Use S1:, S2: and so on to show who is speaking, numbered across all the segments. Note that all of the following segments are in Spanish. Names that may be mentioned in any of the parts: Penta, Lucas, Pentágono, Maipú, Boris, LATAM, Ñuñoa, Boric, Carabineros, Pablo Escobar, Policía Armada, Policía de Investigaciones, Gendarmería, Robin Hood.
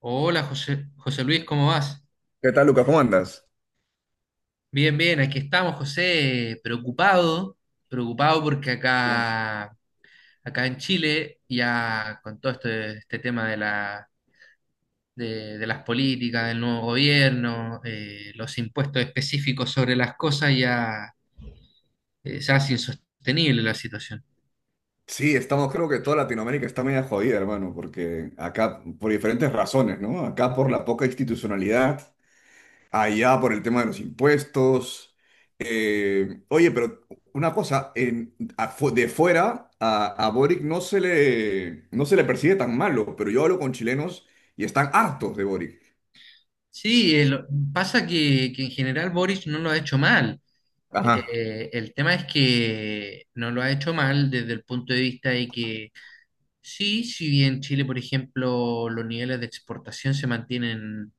S1: Hola José, José Luis, ¿cómo vas?
S2: ¿Qué tal, Lucas? ¿Cómo andas?
S1: Bien, bien, aquí estamos, José, preocupado, preocupado porque
S2: Sí,
S1: acá en Chile, ya con todo este tema de las políticas, del nuevo gobierno, los impuestos específicos sobre las cosas, ya se hace insostenible la situación.
S2: sí, estamos, creo que toda Latinoamérica está media jodida, hermano, porque acá, por diferentes razones, ¿no? Acá por la poca institucionalidad, allá por el tema de los impuestos. Oye, pero una cosa, de fuera a Boric no se le percibe tan malo, pero yo hablo con chilenos y están hartos de Boric.
S1: Sí, pasa que en general Boris no lo ha hecho mal.
S2: Ajá,
S1: El tema es que no lo ha hecho mal desde el punto de vista de que. Sí, si bien Chile, por ejemplo, los niveles de exportación se mantienen,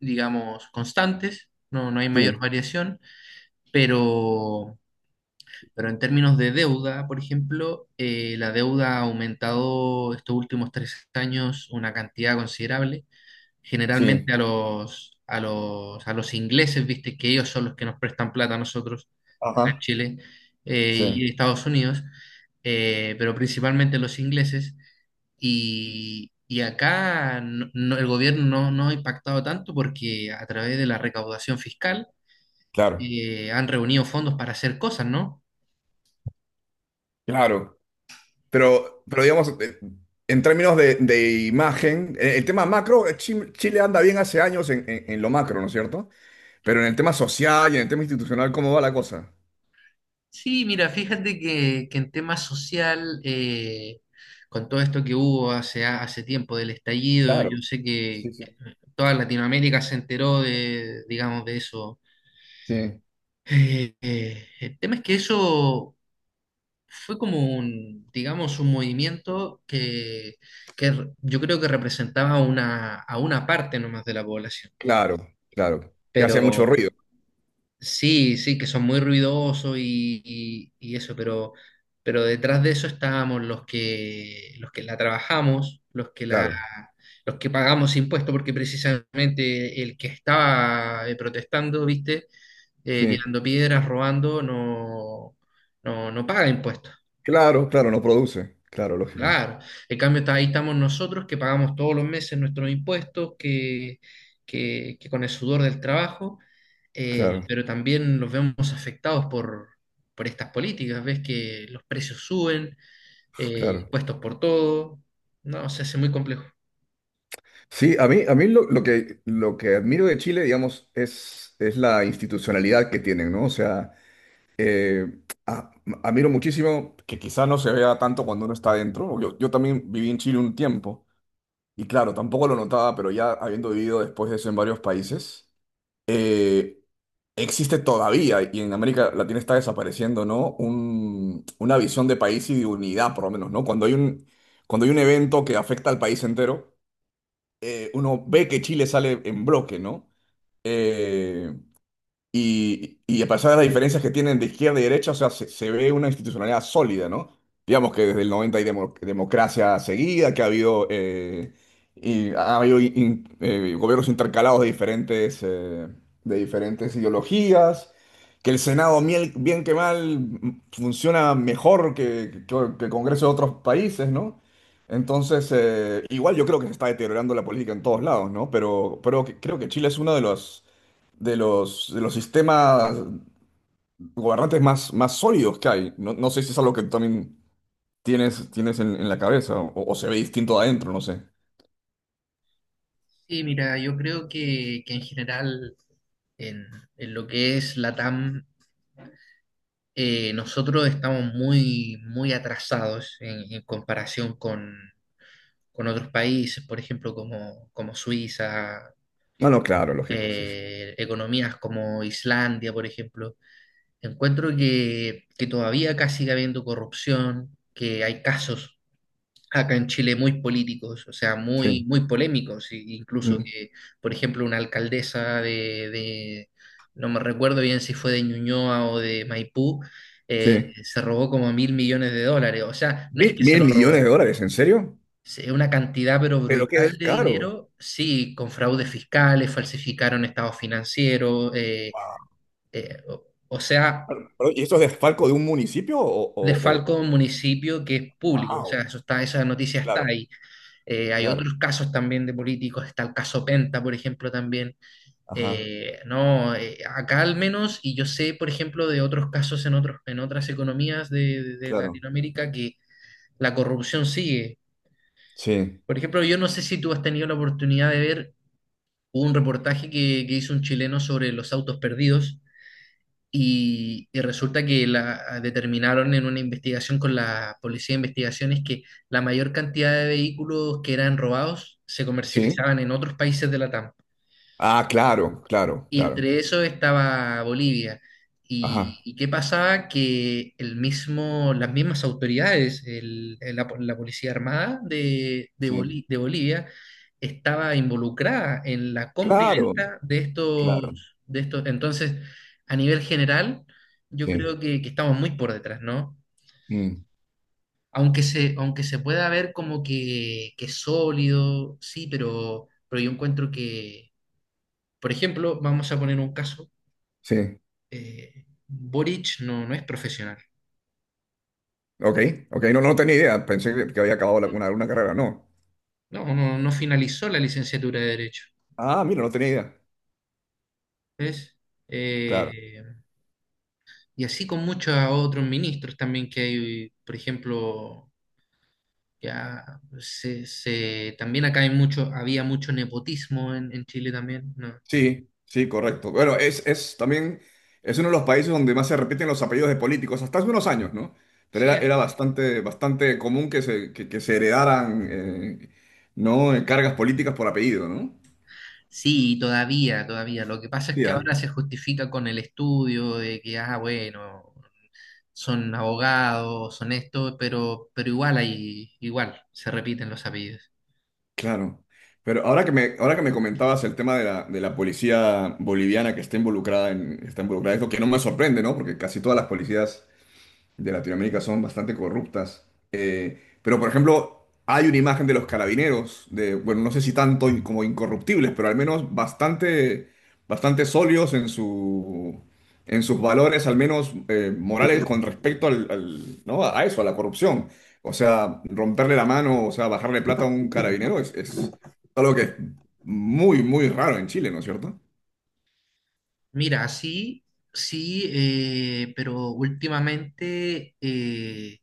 S1: digamos, constantes, no, no hay mayor
S2: sí,
S1: variación, pero, pero en términos de deuda, por ejemplo, la deuda ha aumentado estos últimos 3 años una cantidad considerable.
S2: sí,
S1: Generalmente a los ingleses, viste que ellos son los que nos prestan plata a nosotros, acá en
S2: ajá,
S1: Chile
S2: sí,
S1: y Estados Unidos, pero principalmente los ingleses. Y acá el gobierno no ha impactado tanto porque a través de la recaudación fiscal
S2: claro,
S1: han reunido fondos para hacer cosas, ¿no?
S2: claro. Pero digamos, en términos de imagen, el tema macro, Chile anda bien hace años en, en lo macro, ¿no es cierto? Pero en el tema social y en el tema institucional, ¿cómo va la cosa?
S1: Sí, mira, fíjate que en tema social, con todo esto que hubo hace tiempo del estallido, yo
S2: Claro,
S1: sé que
S2: sí, sí.
S1: toda Latinoamérica se enteró de, digamos, de eso.
S2: Sí,
S1: El tema es que eso fue como un, digamos, un movimiento que yo creo que representaba a una parte nomás de la población.
S2: claro, claro. Que hace mucho
S1: Pero
S2: ruido,
S1: sí, sí, que son muy ruidosos y eso, pero detrás de eso estábamos los que la trabajamos,
S2: claro.
S1: los que pagamos impuestos, porque precisamente el que estaba protestando, ¿viste?
S2: Sí,
S1: Tirando piedras, robando, no paga impuestos.
S2: claro, claro, no produce. Claro, lógico.
S1: Claro, en cambio ahí estamos nosotros que pagamos todos los meses nuestros impuestos, que con el sudor del trabajo,
S2: Claro,
S1: pero también los vemos afectados por estas políticas. Ves que los precios suben,
S2: claro.
S1: impuestos por todo, no, se hace muy complejo.
S2: Sí, a mí, lo, lo que admiro de Chile, digamos, es la institucionalidad que tienen, ¿no? O sea, eh, a- admiro muchísimo que quizá no se vea tanto cuando uno está adentro. Yo también viví en Chile un tiempo y claro, tampoco lo notaba, pero ya habiendo vivido después de eso en varios países, eh, existe todavía y en América Latina está desapareciendo, ¿no? Una visión de país y de unidad, por lo menos, ¿no? Cuando hay un evento que afecta al país entero, uno ve que Chile sale en bloque, ¿no? Eh, y a pesar de las diferencias que tienen de izquierda y derecha, o sea, se ve una institucionalidad sólida, ¿no? Digamos que desde el 90 hay democracia seguida, que ha habido, y ha habido gobiernos intercalados de diferentes, ideologías, que el Senado, bien que mal, funciona mejor que, que el Congreso de otros países, ¿no? Entonces, igual yo creo que se está deteriorando la política en todos lados, ¿no? Pero creo que Chile es uno de los de los sistemas gobernantes más, sólidos que hay. No, no sé si es algo que tú también tienes en, la cabeza o, se ve distinto adentro, no sé.
S1: Sí, mira, yo creo que en general en, en lo que es LATAM, nosotros estamos muy, muy atrasados en comparación con otros países, por ejemplo, como Suiza,
S2: No, no, claro, lógico, sí, sí.
S1: economías como Islandia, por ejemplo. Encuentro que todavía acá sigue habiendo corrupción, que hay casos acá en Chile muy políticos, o sea, muy,
S2: Sí.
S1: muy polémicos, incluso
S2: Mm,
S1: que, por ejemplo, una alcaldesa no me recuerdo bien si fue de Ñuñoa o de Maipú,
S2: sí.
S1: se robó como mil millones de dólares, o sea, no es
S2: ¿Mil,
S1: que se
S2: mil
S1: lo
S2: millones de
S1: robó.
S2: dólares? ¿En serio?
S1: Sí, una cantidad pero
S2: Pero qué
S1: brutal de
S2: descaro.
S1: dinero, sí, con fraudes fiscales, falsificaron estados financieros,
S2: Wow.
S1: o sea,
S2: Pero, ¿y esto es desfalco de un municipio o
S1: desfalco un municipio que es público, o sea,
S2: wow,
S1: eso está, esa noticia está
S2: claro,
S1: ahí. Hay otros
S2: claro,
S1: casos también de políticos, está el caso Penta, por ejemplo, también.
S2: ajá,
S1: No, acá al menos, y yo sé, por ejemplo, de otros casos en otros, en otras economías de
S2: claro,
S1: Latinoamérica que la corrupción sigue.
S2: sí,
S1: Por ejemplo, yo no sé si tú has tenido la oportunidad de ver, hubo un reportaje que hizo un chileno sobre los autos perdidos y resulta que determinaron en una investigación con la Policía de Investigaciones que la mayor cantidad de vehículos que eran robados se
S2: sí,
S1: comercializaban en otros países de la TAM.
S2: ah, claro, claro,
S1: Y
S2: claro,
S1: entre eso estaba Bolivia.
S2: ajá,
S1: ¿Y qué pasaba? Que el mismo, las mismas autoridades, la Policía Armada
S2: sí,
S1: De Bolivia, estaba involucrada en la compra y
S2: claro,
S1: venta de
S2: claro,
S1: estos, de estos. Entonces, a nivel general, yo
S2: sí,
S1: creo que estamos muy por detrás, ¿no?
S2: mm.
S1: Aunque se pueda ver como que es sólido, sí, pero yo encuentro que, por ejemplo, vamos a poner un caso.
S2: Sí.
S1: Boric no es profesional,
S2: Ok, ok, no, no tenía idea. Pensé que había acabado una carrera, no.
S1: no finalizó la licenciatura de Derecho,
S2: Ah, mira, no tenía idea.
S1: ¿ves?
S2: Claro.
S1: Eh, y así con muchos otros ministros también que hay, por ejemplo, también acá hay mucho, había mucho nepotismo en Chile también, ¿no?
S2: Sí, sí, correcto. Bueno, es también, es uno de los países donde más se repiten los apellidos de políticos, hasta hace unos años, ¿no? Pero era,
S1: Sí,
S2: era bastante, bastante común que se, que se heredaran, ¿no? Cargas políticas por apellido, ¿no?
S1: sí, todavía, todavía. Lo que pasa es
S2: Sí,
S1: que
S2: ah,
S1: ahora se justifica con el estudio de que, bueno, son abogados, son esto, pero igual hay, igual, se repiten los apellidos.
S2: claro. Pero ahora que me, comentabas el tema de la, policía boliviana que está involucrada en, esto, que no me sorprende, ¿no? Porque casi todas las policías de Latinoamérica son bastante corruptas. Pero, por ejemplo, hay una imagen de los carabineros, de, bueno, no sé si tanto como incorruptibles, pero al menos bastante sólidos en sus valores, al menos morales, con respecto ¿no? A eso, a la corrupción. O sea, romperle la mano, o sea, bajarle plata a un carabinero es, algo que es muy, muy raro en Chile, ¿no es cierto?
S1: Mira, sí, sí, pero últimamente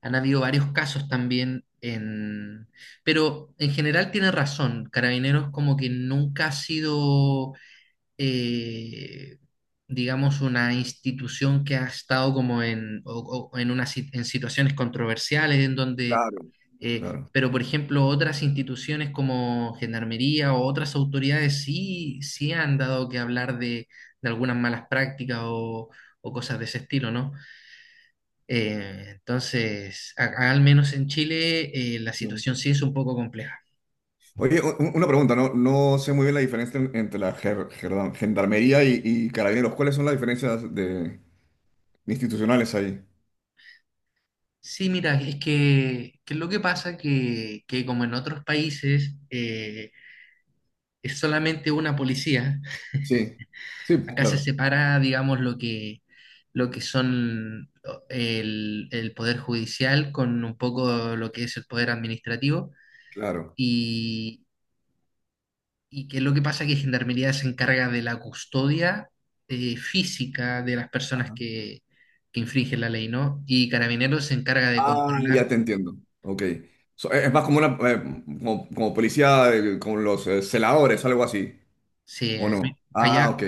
S1: han habido varios casos también en. Pero en general tiene razón, Carabineros como que nunca ha sido eh, digamos, una institución que ha estado como en, o- en, una si- en situaciones controversiales, en donde,
S2: Claro, claro.
S1: pero por ejemplo, otras instituciones como Gendarmería o otras autoridades sí, sí han dado que hablar de algunas malas prácticas o cosas de ese estilo, ¿no? Entonces, al menos en Chile, la situación sí es un poco compleja.
S2: Oye, una pregunta, no, no sé muy bien la diferencia entre la gendarmería y, carabineros. ¿Cuáles son las diferencias de, institucionales ahí?
S1: Sí, mira, es que es lo que pasa que como en otros países es solamente una policía,
S2: Sí, sí,
S1: acá se
S2: claro,
S1: separa, digamos, lo que son el poder judicial con un poco lo que es el poder administrativo
S2: claro.
S1: y, y que lo que pasa que Gendarmería se encarga de la custodia física de las personas que infringen la ley, ¿no? Y Carabineros se encarga de
S2: Ah, ya
S1: controlar,
S2: te entiendo. Ok. So, es más como una como, policía, como los celadores, algo así, ¿o
S1: se,
S2: no? Ah, ok,
S1: allá.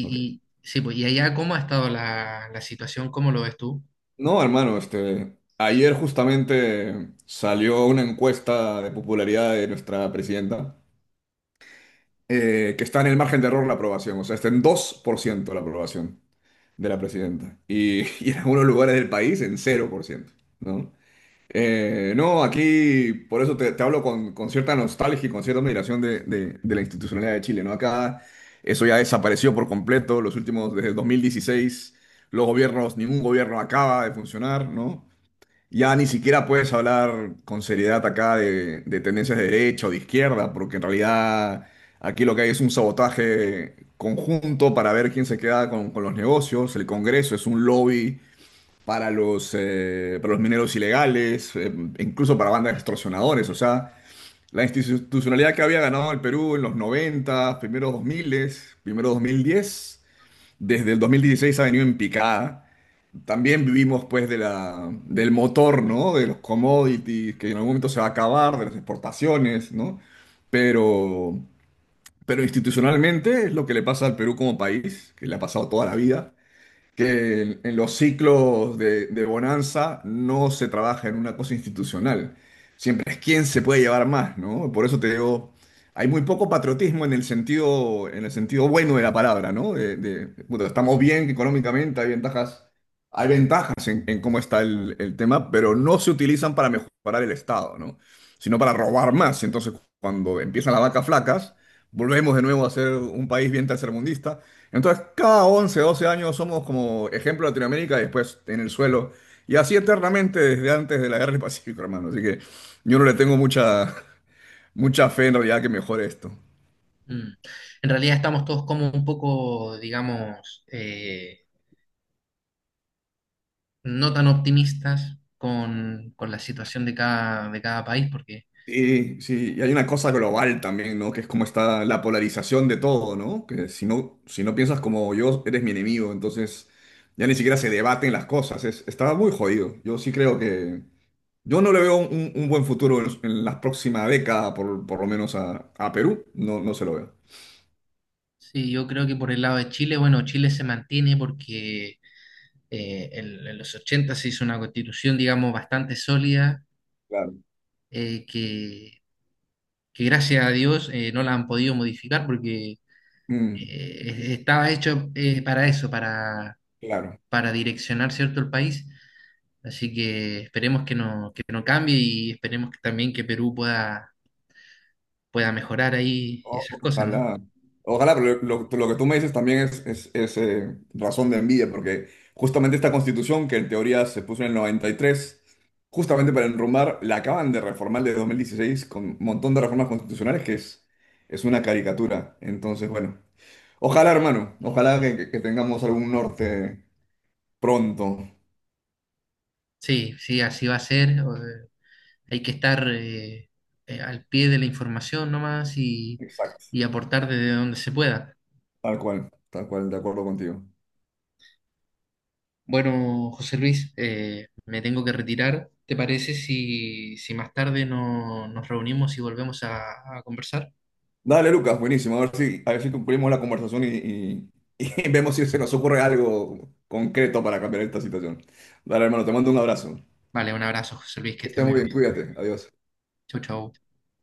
S2: ok.
S1: y sí, pues, ¿y allá cómo ha estado la situación? ¿Cómo lo ves tú?
S2: No, hermano, este, ayer justamente salió una encuesta de popularidad de nuestra presidenta. Que está en el margen de error la aprobación, o sea, está en 2% la aprobación de la presidenta y, y en algunos lugares del país en 0%, ¿no? No, aquí por eso te, hablo con, cierta nostalgia y con cierta admiración de, de la institucionalidad de Chile, ¿no? Acá eso ya desapareció por completo, los últimos, desde 2016 los gobiernos, ningún gobierno acaba de funcionar, ¿no? Ya ni siquiera puedes hablar con seriedad acá de, tendencias de derecha o de izquierda, porque en realidad aquí lo que hay es un sabotaje conjunto para ver quién se queda con, los negocios. El Congreso es un lobby para los mineros ilegales, incluso para bandas de extorsionadores. O sea, la institucionalidad que había ganado el Perú en los 90 primeros 2000, primero 2010 desde el 2016 ha venido en picada. También vivimos pues del motor, ¿no? De los commodities, que en algún momento se va a acabar, de las exportaciones, ¿no? Pero, pero institucionalmente es lo que le pasa al Perú como país, que le ha pasado toda la vida, que en los ciclos de bonanza no se trabaja en una cosa institucional. Siempre es quién se puede llevar más, ¿no? Por eso te digo, hay muy poco patriotismo en el sentido, bueno de la palabra, ¿no? De, puta, estamos bien económicamente, hay ventajas, en, cómo está el, tema, pero no se utilizan para mejorar el Estado, ¿no? Sino para robar más. Entonces, cuando empiezan las vacas flacas, volvemos de nuevo a ser un país bien tercermundista, entonces, cada 11, 12 años somos como ejemplo Latinoamérica y después en el suelo. Y así eternamente desde antes de la guerra del Pacífico, hermano. Así que yo no le tengo mucha, fe en realidad que mejore esto.
S1: Mm. En realidad estamos todos como un poco, digamos, no tan optimistas con la situación de cada país, porque
S2: Sí, sí, y hay una cosa global también, ¿no? Que es como está la polarización de todo, ¿no? Que si no, piensas como yo, eres mi enemigo, entonces ya ni siquiera se debaten las cosas, está muy jodido. Yo sí creo que. Yo no le veo un, buen futuro en, la próxima década, por, lo menos a Perú, no, no se lo veo.
S1: sí, yo creo que por el lado de Chile, bueno, Chile se mantiene porque en los 80 se hizo una constitución, digamos, bastante sólida,
S2: Claro,
S1: eh, que, que gracias a Dios no la han podido modificar porque
S2: mm,
S1: estaba hecho para eso, para
S2: claro.
S1: para direccionar, ¿cierto?, el país. Así que esperemos que no cambie y esperemos que también que Perú pueda, mejorar ahí esas cosas, ¿no?
S2: Ojalá, ojalá, pero lo, lo que tú me dices también es, es razón de envidia, porque justamente esta constitución, que en teoría se puso en el 93, justamente para enrumbar, la acaban de reformar de 2016 con un montón de reformas constitucionales que es una caricatura. Entonces, bueno, ojalá, hermano, ojalá que, que tengamos algún norte pronto.
S1: Sí, sí, así va a ser. Hay que estar al pie de la información nomás
S2: Exacto.
S1: y aportar desde donde se pueda.
S2: Tal cual, de acuerdo contigo.
S1: Bueno, José Luis, me tengo que retirar. ¿Te parece si más tarde nos reunimos y volvemos a conversar?
S2: Dale, Lucas, buenísimo. A ver si, concluimos la conversación y, y vemos si se nos ocurre algo concreto para cambiar esta situación. Dale, hermano, te mando un abrazo.
S1: Vale, un abrazo, José Luis, que
S2: Que
S1: esté
S2: estés
S1: muy
S2: muy
S1: bien.
S2: bien, cuídate. Adiós.
S1: Chau, chau.